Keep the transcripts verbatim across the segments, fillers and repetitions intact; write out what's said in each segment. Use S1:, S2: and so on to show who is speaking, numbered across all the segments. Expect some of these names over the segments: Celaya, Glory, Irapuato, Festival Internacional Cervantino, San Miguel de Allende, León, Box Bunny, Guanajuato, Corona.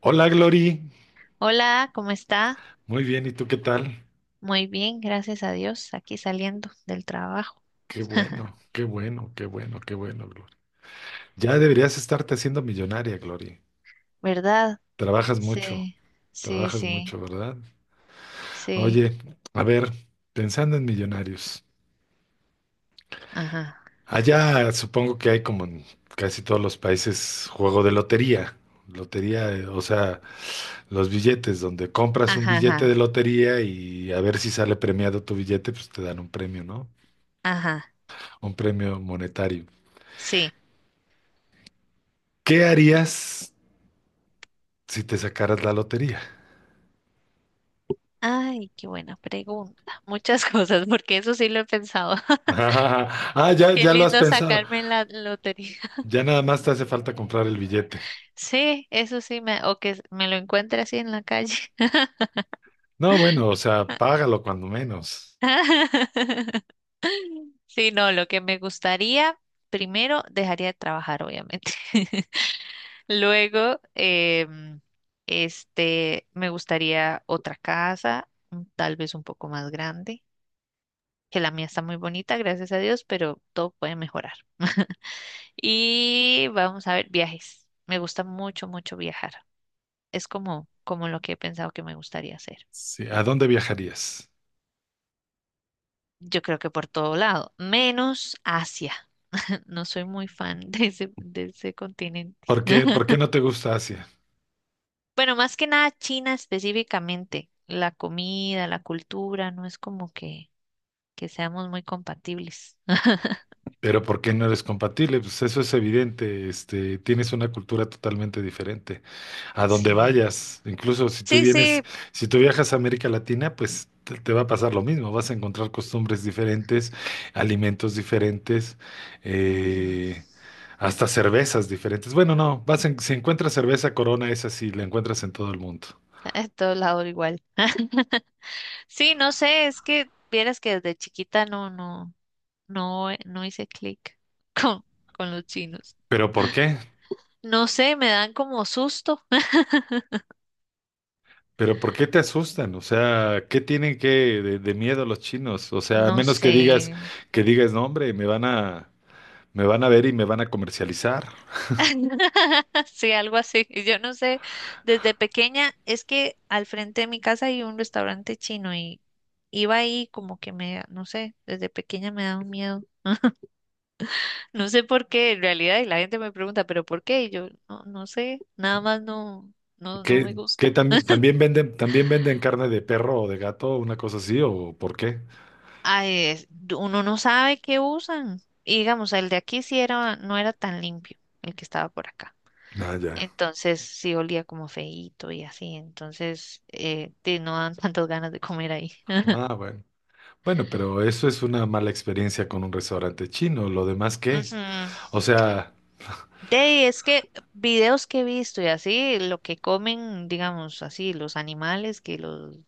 S1: Hola, Glory.
S2: Hola, ¿cómo está?
S1: Muy bien, ¿y tú qué tal?
S2: Muy bien, gracias a Dios, aquí saliendo del trabajo,
S1: Qué bueno, qué bueno, qué bueno, qué bueno, Glory. Ya deberías estarte haciendo millonaria, Glory.
S2: ¿verdad?
S1: Trabajas mucho,
S2: Sí, sí,
S1: trabajas
S2: sí,
S1: mucho, ¿verdad?
S2: sí,
S1: Oye, a ver, pensando en millonarios.
S2: ajá,
S1: Allá supongo que hay como en casi todos los países juego de lotería. Lotería, eh, o sea, los billetes, donde compras un
S2: ajá,
S1: billete de
S2: ajá,
S1: lotería y a ver si sale premiado tu billete, pues te dan un premio, ¿no?
S2: ajá,
S1: Un premio monetario.
S2: sí.
S1: ¿Qué harías si te sacaras la lotería?
S2: Ay, qué buena pregunta. Muchas cosas, porque eso sí lo he pensado.
S1: Ah, ya,
S2: Qué
S1: ya lo has
S2: lindo
S1: pensado.
S2: sacarme en la lotería.
S1: Ya nada más te hace falta comprar el billete.
S2: Sí, eso sí, me, o que me lo encuentre así en la calle.
S1: No, bueno, o sea, págalo cuando menos.
S2: Sí, no, lo que me gustaría, primero dejaría de trabajar, obviamente. Luego, em, este, me gustaría otra casa, mm, tal vez un poco más grande, que la mía está muy bonita, gracias a Dios, pero todo puede mejorar. Y vamos a ver, viajes. Me gusta mucho, mucho viajar. Es como, como lo que he pensado que me gustaría hacer.
S1: Sí, ¿a dónde viajarías?
S2: Yo creo que por todo lado, menos Asia. No soy muy fan de ese, de ese continente.
S1: ¿Por qué, por qué no te gusta Asia?
S2: Bueno, más que nada China específicamente. La comida, la cultura, no es como que que seamos muy compatibles.
S1: Pero ¿por qué no eres compatible? Pues eso es evidente, este, tienes una cultura totalmente diferente. A donde
S2: Sí,
S1: vayas. Incluso si tú
S2: sí, sí.
S1: vienes, si tú viajas a América Latina, pues te, te va a pasar lo mismo. Vas a encontrar costumbres diferentes, alimentos diferentes,
S2: Ujú.
S1: eh, hasta cervezas diferentes. Bueno, no, vas en- si encuentras cerveza Corona, esa sí la encuentras en todo el mundo.
S2: En todo lado igual. Sí, no sé, es que vieras que desde chiquita no, no, no, eh, no hice clic con, con los chinos.
S1: ¿Pero por qué?
S2: No sé, me dan como susto.
S1: ¿Pero por qué te asustan? O sea, ¿qué tienen que de, de miedo los chinos? O sea, a
S2: No
S1: menos que
S2: sé.
S1: digas, que digas, no, hombre, me van a, me van a ver y me van a comercializar.
S2: Sí, algo así. Yo no sé. Desde pequeña es que al frente de mi casa hay un restaurante chino y iba ahí como que me, no sé, desde pequeña me da un miedo. No sé por qué, en realidad, y la gente me pregunta, ¿pero por qué? Y yo, no, no sé, nada más no, no, no me
S1: ¿Qué, qué
S2: gusta.
S1: también, también venden, también venden carne de perro o de gato, una cosa así, o por qué?
S2: Ay, es- uno no sabe qué usan. Y digamos, el de aquí sí era, no era tan limpio, el que estaba por acá.
S1: Ah, ya.
S2: Entonces sí olía como feíto y así. Entonces, eh, te- no dan tantas ganas de comer ahí.
S1: Ah, bueno. Bueno, pero eso es una mala experiencia con un restaurante chino. ¿Lo demás qué?
S2: Ujú.
S1: O sea,
S2: De ahí, es que videos que he visto y así, lo que comen, digamos así, los animales, que los,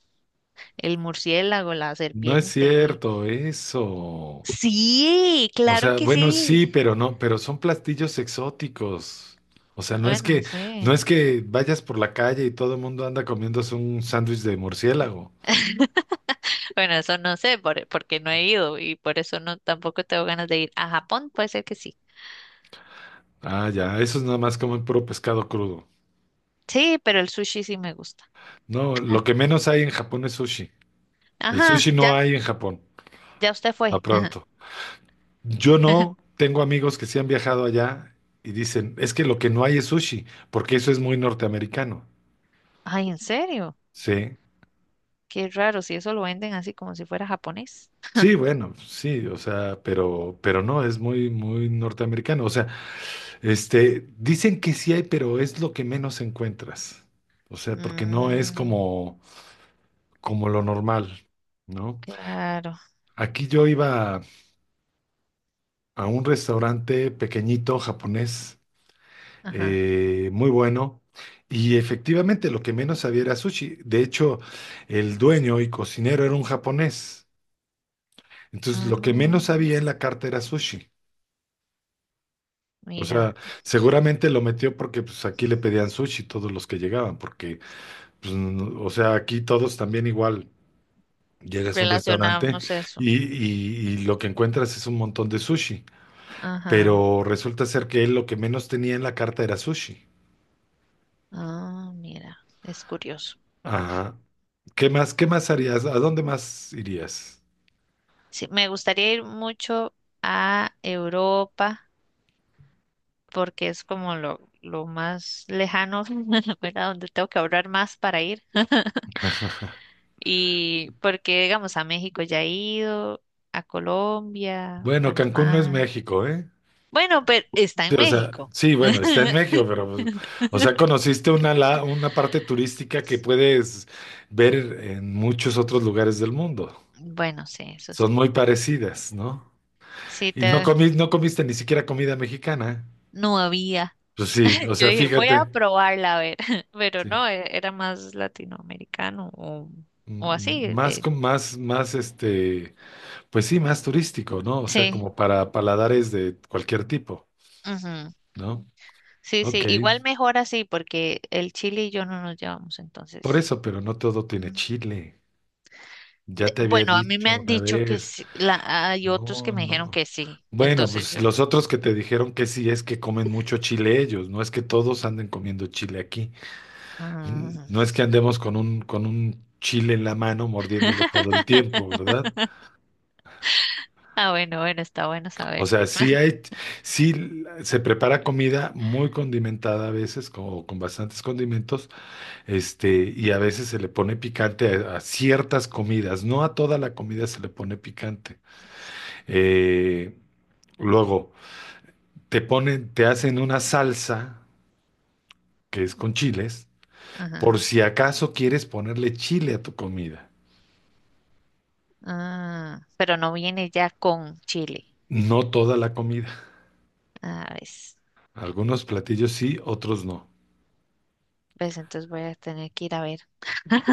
S2: el murciélago, la
S1: no es
S2: serpiente.
S1: cierto eso.
S2: Sí,
S1: O
S2: claro
S1: sea,
S2: que
S1: bueno,
S2: sí.
S1: sí, pero no, pero son platillos exóticos. O sea, no es
S2: Bueno,
S1: que, no
S2: sí.
S1: es que vayas por la calle y todo el mundo anda comiéndose un sándwich de murciélago.
S2: Bueno, eso no sé, por- porque no he ido y por eso no tampoco tengo ganas de ir. A Japón puede ser que sí.
S1: Ah, ya, eso es nada más comen puro pescado crudo.
S2: Sí, pero el sushi sí me gusta.
S1: No, lo que menos hay en Japón es sushi. El
S2: Ajá,
S1: sushi no
S2: ya,
S1: hay en Japón,
S2: ya usted
S1: a
S2: fue.
S1: pronto. Yo no tengo amigos que sí han viajado allá y dicen, es que lo que no hay es sushi, porque eso es muy norteamericano.
S2: Ay, ¿en serio?
S1: Sí,
S2: Qué raro, si eso lo venden así como si fuera japonés.
S1: sí, bueno, sí, o sea, pero, pero no, es muy, muy norteamericano. O sea, este, dicen que sí hay, pero es lo que menos encuentras. O sea, porque no es
S2: Mm,
S1: como, como lo normal, ¿no?
S2: claro.
S1: Aquí yo iba a un restaurante pequeñito japonés,
S2: Ajá.
S1: eh, muy bueno. Y efectivamente lo que menos había era sushi. De hecho, el dueño y cocinero era un japonés. Entonces, lo que menos
S2: Ah,
S1: había en la carta era sushi. O sea,
S2: mira,
S1: seguramente lo metió porque pues aquí le pedían sushi todos los que llegaban, porque pues, no- o sea, aquí todos también igual. Llegas a un restaurante
S2: relacionamos eso.
S1: y, y y lo que encuentras es un montón de sushi,
S2: Ajá.
S1: pero resulta ser que él lo que menos tenía en la carta era sushi.
S2: Ah, mira, es curioso.
S1: Ajá. ¿Qué más, qué más harías? ¿A dónde más irías?
S2: Sí, me gustaría ir mucho a Europa porque es como lo, lo más lejano, ¿verdad? Donde tengo que ahorrar más para ir. Y porque, digamos, a México ya he ido, a Colombia,
S1: Bueno, Cancún no es
S2: Panamá.
S1: México, ¿eh?
S2: Bueno, pero está
S1: Sí,
S2: en
S1: o sea,
S2: México.
S1: sí, bueno, está en México, pero, pues, o sea, conociste una, la- una parte turística que puedes ver en muchos otros lugares del mundo.
S2: Bueno, sí, eso sí.
S1: Son muy parecidas, ¿no?
S2: Sí,
S1: Y no
S2: te...
S1: comi- no comiste ni siquiera comida mexicana.
S2: no había.
S1: Pues sí, o
S2: Yo
S1: sea,
S2: dije, voy a
S1: fíjate,
S2: probarla a ver, pero
S1: sí.
S2: no, e- era más latinoamericano o, o
S1: Mm,
S2: así.
S1: mm, Más,
S2: de-
S1: con- más, más, este, pues sí, más turístico, ¿no? O sea,
S2: Sí.
S1: como para paladares de cualquier tipo,
S2: Ujú.
S1: ¿no?
S2: Sí,
S1: Ok,
S2: sí, igual mejor así porque el Chile y yo no nos llevamos
S1: por
S2: entonces.
S1: eso, pero no todo tiene
S2: Mm.
S1: chile. Ya
S2: De-
S1: te había
S2: bueno, a mí me
S1: dicho
S2: han
S1: una
S2: dicho que
S1: vez.
S2: sí, la, hay otros que
S1: No,
S2: me dijeron que
S1: no.
S2: sí,
S1: Bueno,
S2: entonces
S1: pues
S2: yo.
S1: los otros que te dijeron que sí es que comen mucho chile ellos, no es que todos anden comiendo chile aquí. N-
S2: Mm.
S1: No es que andemos con un, con un chile en la mano mordiéndolo todo el tiempo, ¿verdad?
S2: Ah, bueno, bueno, está bueno
S1: O
S2: saberlo.
S1: sea, sí hay, sí se prepara comida muy condimentada a veces, con, con bastantes condimentos. Este, y a veces se le pone picante a, a ciertas comidas, no a toda la comida se le pone picante. Eh, luego, te ponen, te hacen una salsa que es con chiles,
S2: Ajá.
S1: por si acaso quieres ponerle chile a tu comida.
S2: Ah, pero no viene ya con Chile.
S1: No toda la comida.
S2: Ah, ves.
S1: Algunos platillos sí, otros no.
S2: Ves, entonces voy a tener que ir a ver.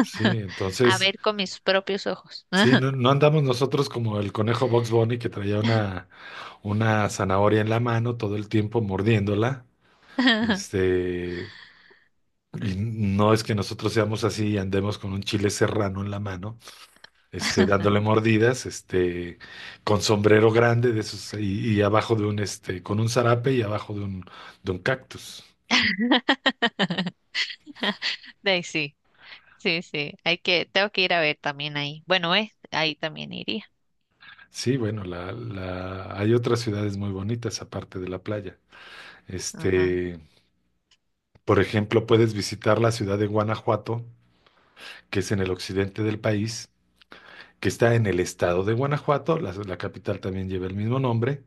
S1: Sí,
S2: A
S1: entonces,
S2: ver con mis propios ojos.
S1: sí, no, no andamos nosotros como el conejo Box Bunny que traía una, una zanahoria en la mano todo el tiempo mordiéndola. Este, Y No es que nosotros seamos así y andemos con un chile serrano en la mano, este, dándole mordidas, este, con sombrero grande de esos y, y abajo de un, este, con un zarape y abajo de un, de un cactus.
S2: De ahí sí, sí, sí. Hay que, tengo que ir a ver también ahí. Bueno, eh, ahí también iría.
S1: Sí, bueno, la, la, hay otras ciudades muy bonitas aparte de la playa.
S2: Ajá,
S1: Este, por ejemplo, puedes visitar la ciudad de Guanajuato, que es en el occidente del país, que está en el estado de Guanajuato, la la capital también lleva el mismo nombre.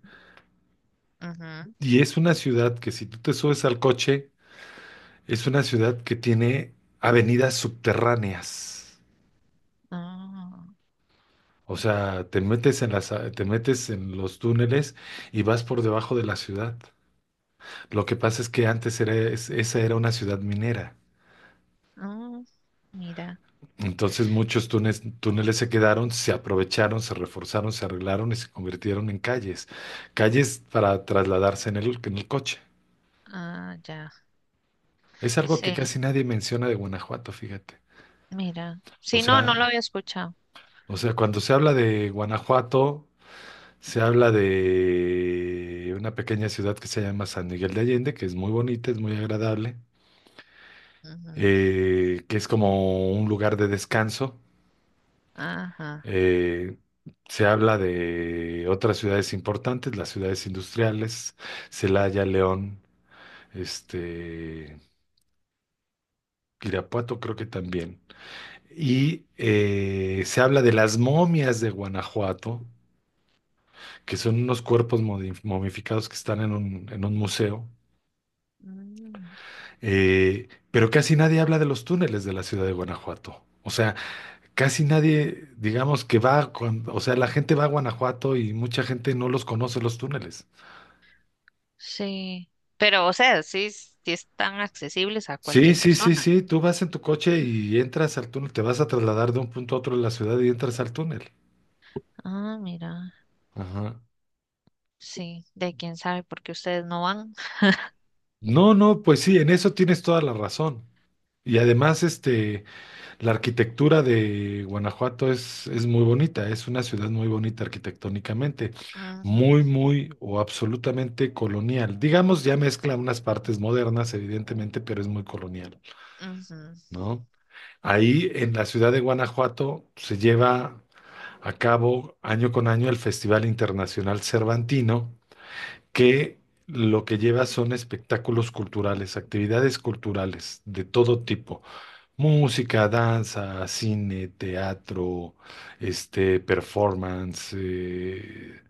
S2: ajá.
S1: Y es una ciudad que, si tú te subes al coche, es una ciudad que tiene avenidas subterráneas.
S2: Ah,
S1: O sea, te metes en las, a- te metes en los túneles y vas por debajo de la ciudad. Lo que pasa es que antes era, es- esa era una ciudad minera.
S2: ah, mira.
S1: Entonces muchos túneles, túneles se quedaron, se aprovecharon, se reforzaron, se arreglaron y se convirtieron en calles. Calles para trasladarse en el, en el coche.
S2: Ah, ya.
S1: Es algo que
S2: Sí,
S1: casi nadie menciona de Guanajuato, fíjate.
S2: mira.
S1: O
S2: Sí, no, no lo
S1: sea,
S2: había escuchado.
S1: o sea, cuando se habla de Guanajuato, se habla de una pequeña ciudad que se llama San Miguel de Allende, que es muy bonita, es muy agradable,
S2: Ujú,
S1: eh, que es como un lugar de descanso.
S2: ajá.
S1: Eh, se habla de otras ciudades importantes, las ciudades industriales, Celaya, León, este, Irapuato creo que también. Y eh, se habla de las momias de Guanajuato, que son unos cuerpos modi- momificados que están en un en un museo.
S2: Mm,
S1: Eh, pero casi nadie habla de los túneles de la ciudad de Guanajuato. O sea, casi nadie, digamos que va, con- o sea, la gente va a Guanajuato y mucha gente no los conoce los túneles.
S2: sí. Pero, o sea, sí, s- sí están accesibles a
S1: Sí,
S2: cualquier
S1: sí, sí,
S2: persona.
S1: sí, tú vas en tu coche y entras al túnel, te vas a trasladar de un punto a otro de la ciudad y entras al túnel.
S2: Ah, mira.
S1: Ajá.
S2: Sí, de quién sabe por qué ustedes no van.
S1: No, no, pues sí, en eso tienes toda la razón. Y además, este, La arquitectura de Guanajuato es, es muy bonita, es una ciudad muy bonita arquitectónicamente, muy,
S2: Ujú,
S1: muy o absolutamente colonial. Digamos, ya mezcla unas partes modernas, evidentemente, pero es muy colonial,
S2: ujú,
S1: ¿no? Ahí en la ciudad de Guanajuato se lleva a cabo año con año el Festival Internacional Cervantino, que lo que lleva son espectáculos culturales, actividades culturales de todo tipo. Música, danza, cine, teatro, este, performance, eh,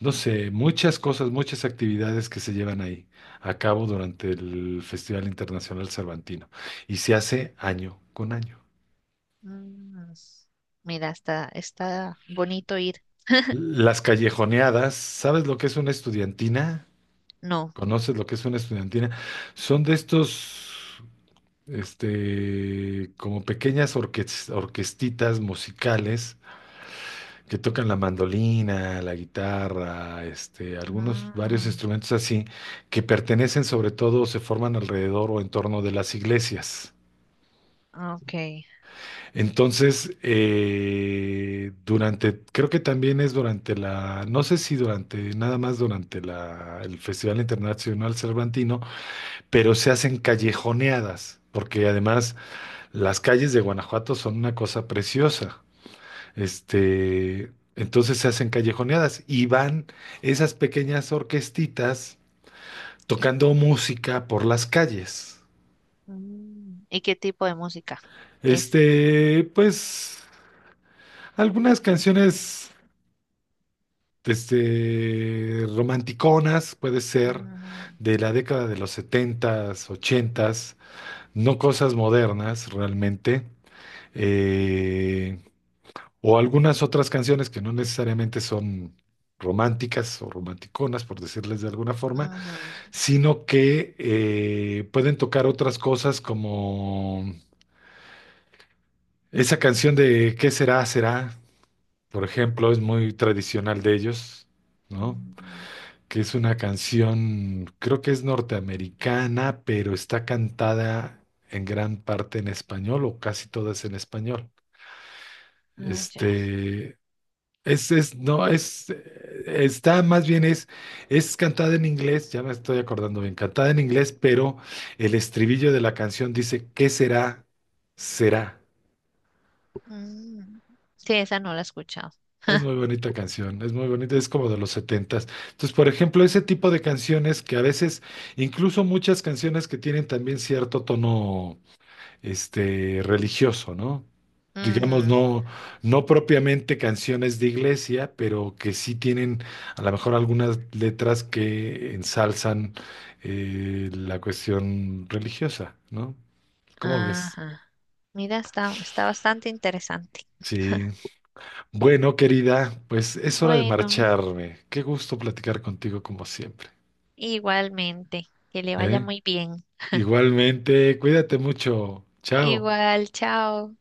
S1: no sé, muchas cosas, muchas actividades que se llevan ahí a cabo durante el Festival Internacional Cervantino y se hace año con año.
S2: mm. Mira, está, está bonito ir.
S1: Las callejoneadas, ¿sabes lo que es una estudiantina?
S2: No.
S1: ¿Conoces lo que es una estudiantina? Son de estos, este, como pequeñas orques- orquestitas musicales que tocan la mandolina, la guitarra, este, algunos, varios
S2: Mm,
S1: instrumentos así, que pertenecen sobre todo, o se forman alrededor o en torno de las iglesias.
S2: ok.
S1: Entonces, eh, durante, creo que también es durante la, no sé si durante, nada más durante la, el Festival Internacional Cervantino, pero se hacen callejoneadas, porque además las calles de Guanajuato son una cosa preciosa. Este, entonces se hacen callejoneadas y van esas pequeñas orquestitas tocando música por las calles.
S2: Mm, ¿y qué tipo de música es?
S1: Este, pues algunas canciones este, romanticonas, puede ser,
S2: Mm,
S1: de la década de los setentas ochentas, no cosas modernas realmente, eh, o algunas otras canciones que no necesariamente son románticas o romanticonas, por decirles de alguna forma,
S2: ujú,
S1: sino que eh, pueden tocar otras cosas como esa canción de ¿Qué será, será? Por ejemplo, es muy tradicional de ellos, ¿no?
S2: mm,
S1: Que es una canción, creo que es norteamericana, pero está cantada en gran parte en español o casi todas en español.
S2: ah, ya.
S1: Este, Es, es, no, es, eh, está más bien es, es cantada en inglés, ya me estoy acordando bien, cantada en inglés, pero el estribillo de la canción dice, ¿qué será? Será.
S2: Mm. Sí, esa no la he escuchado.
S1: Es muy bonita canción, es muy bonita, es como de los setentas. Entonces, por ejemplo, ese tipo de canciones que a veces, incluso muchas canciones que tienen también cierto tono este, religioso, ¿no? Digamos,
S2: Ujú,
S1: no, no propiamente canciones de iglesia, pero que sí tienen a lo mejor algunas letras que ensalzan, eh, la cuestión religiosa, ¿no? ¿Cómo ves?
S2: ajá. Mira, está, está bastante interesante.
S1: Sí. Bueno, querida, pues es hora de
S2: Bueno,
S1: marcharme. Qué gusto platicar contigo como siempre,
S2: igualmente, que le vaya
S1: ¿eh?
S2: muy bien.
S1: Igualmente, cuídate mucho. Chao.
S2: Igual, chao.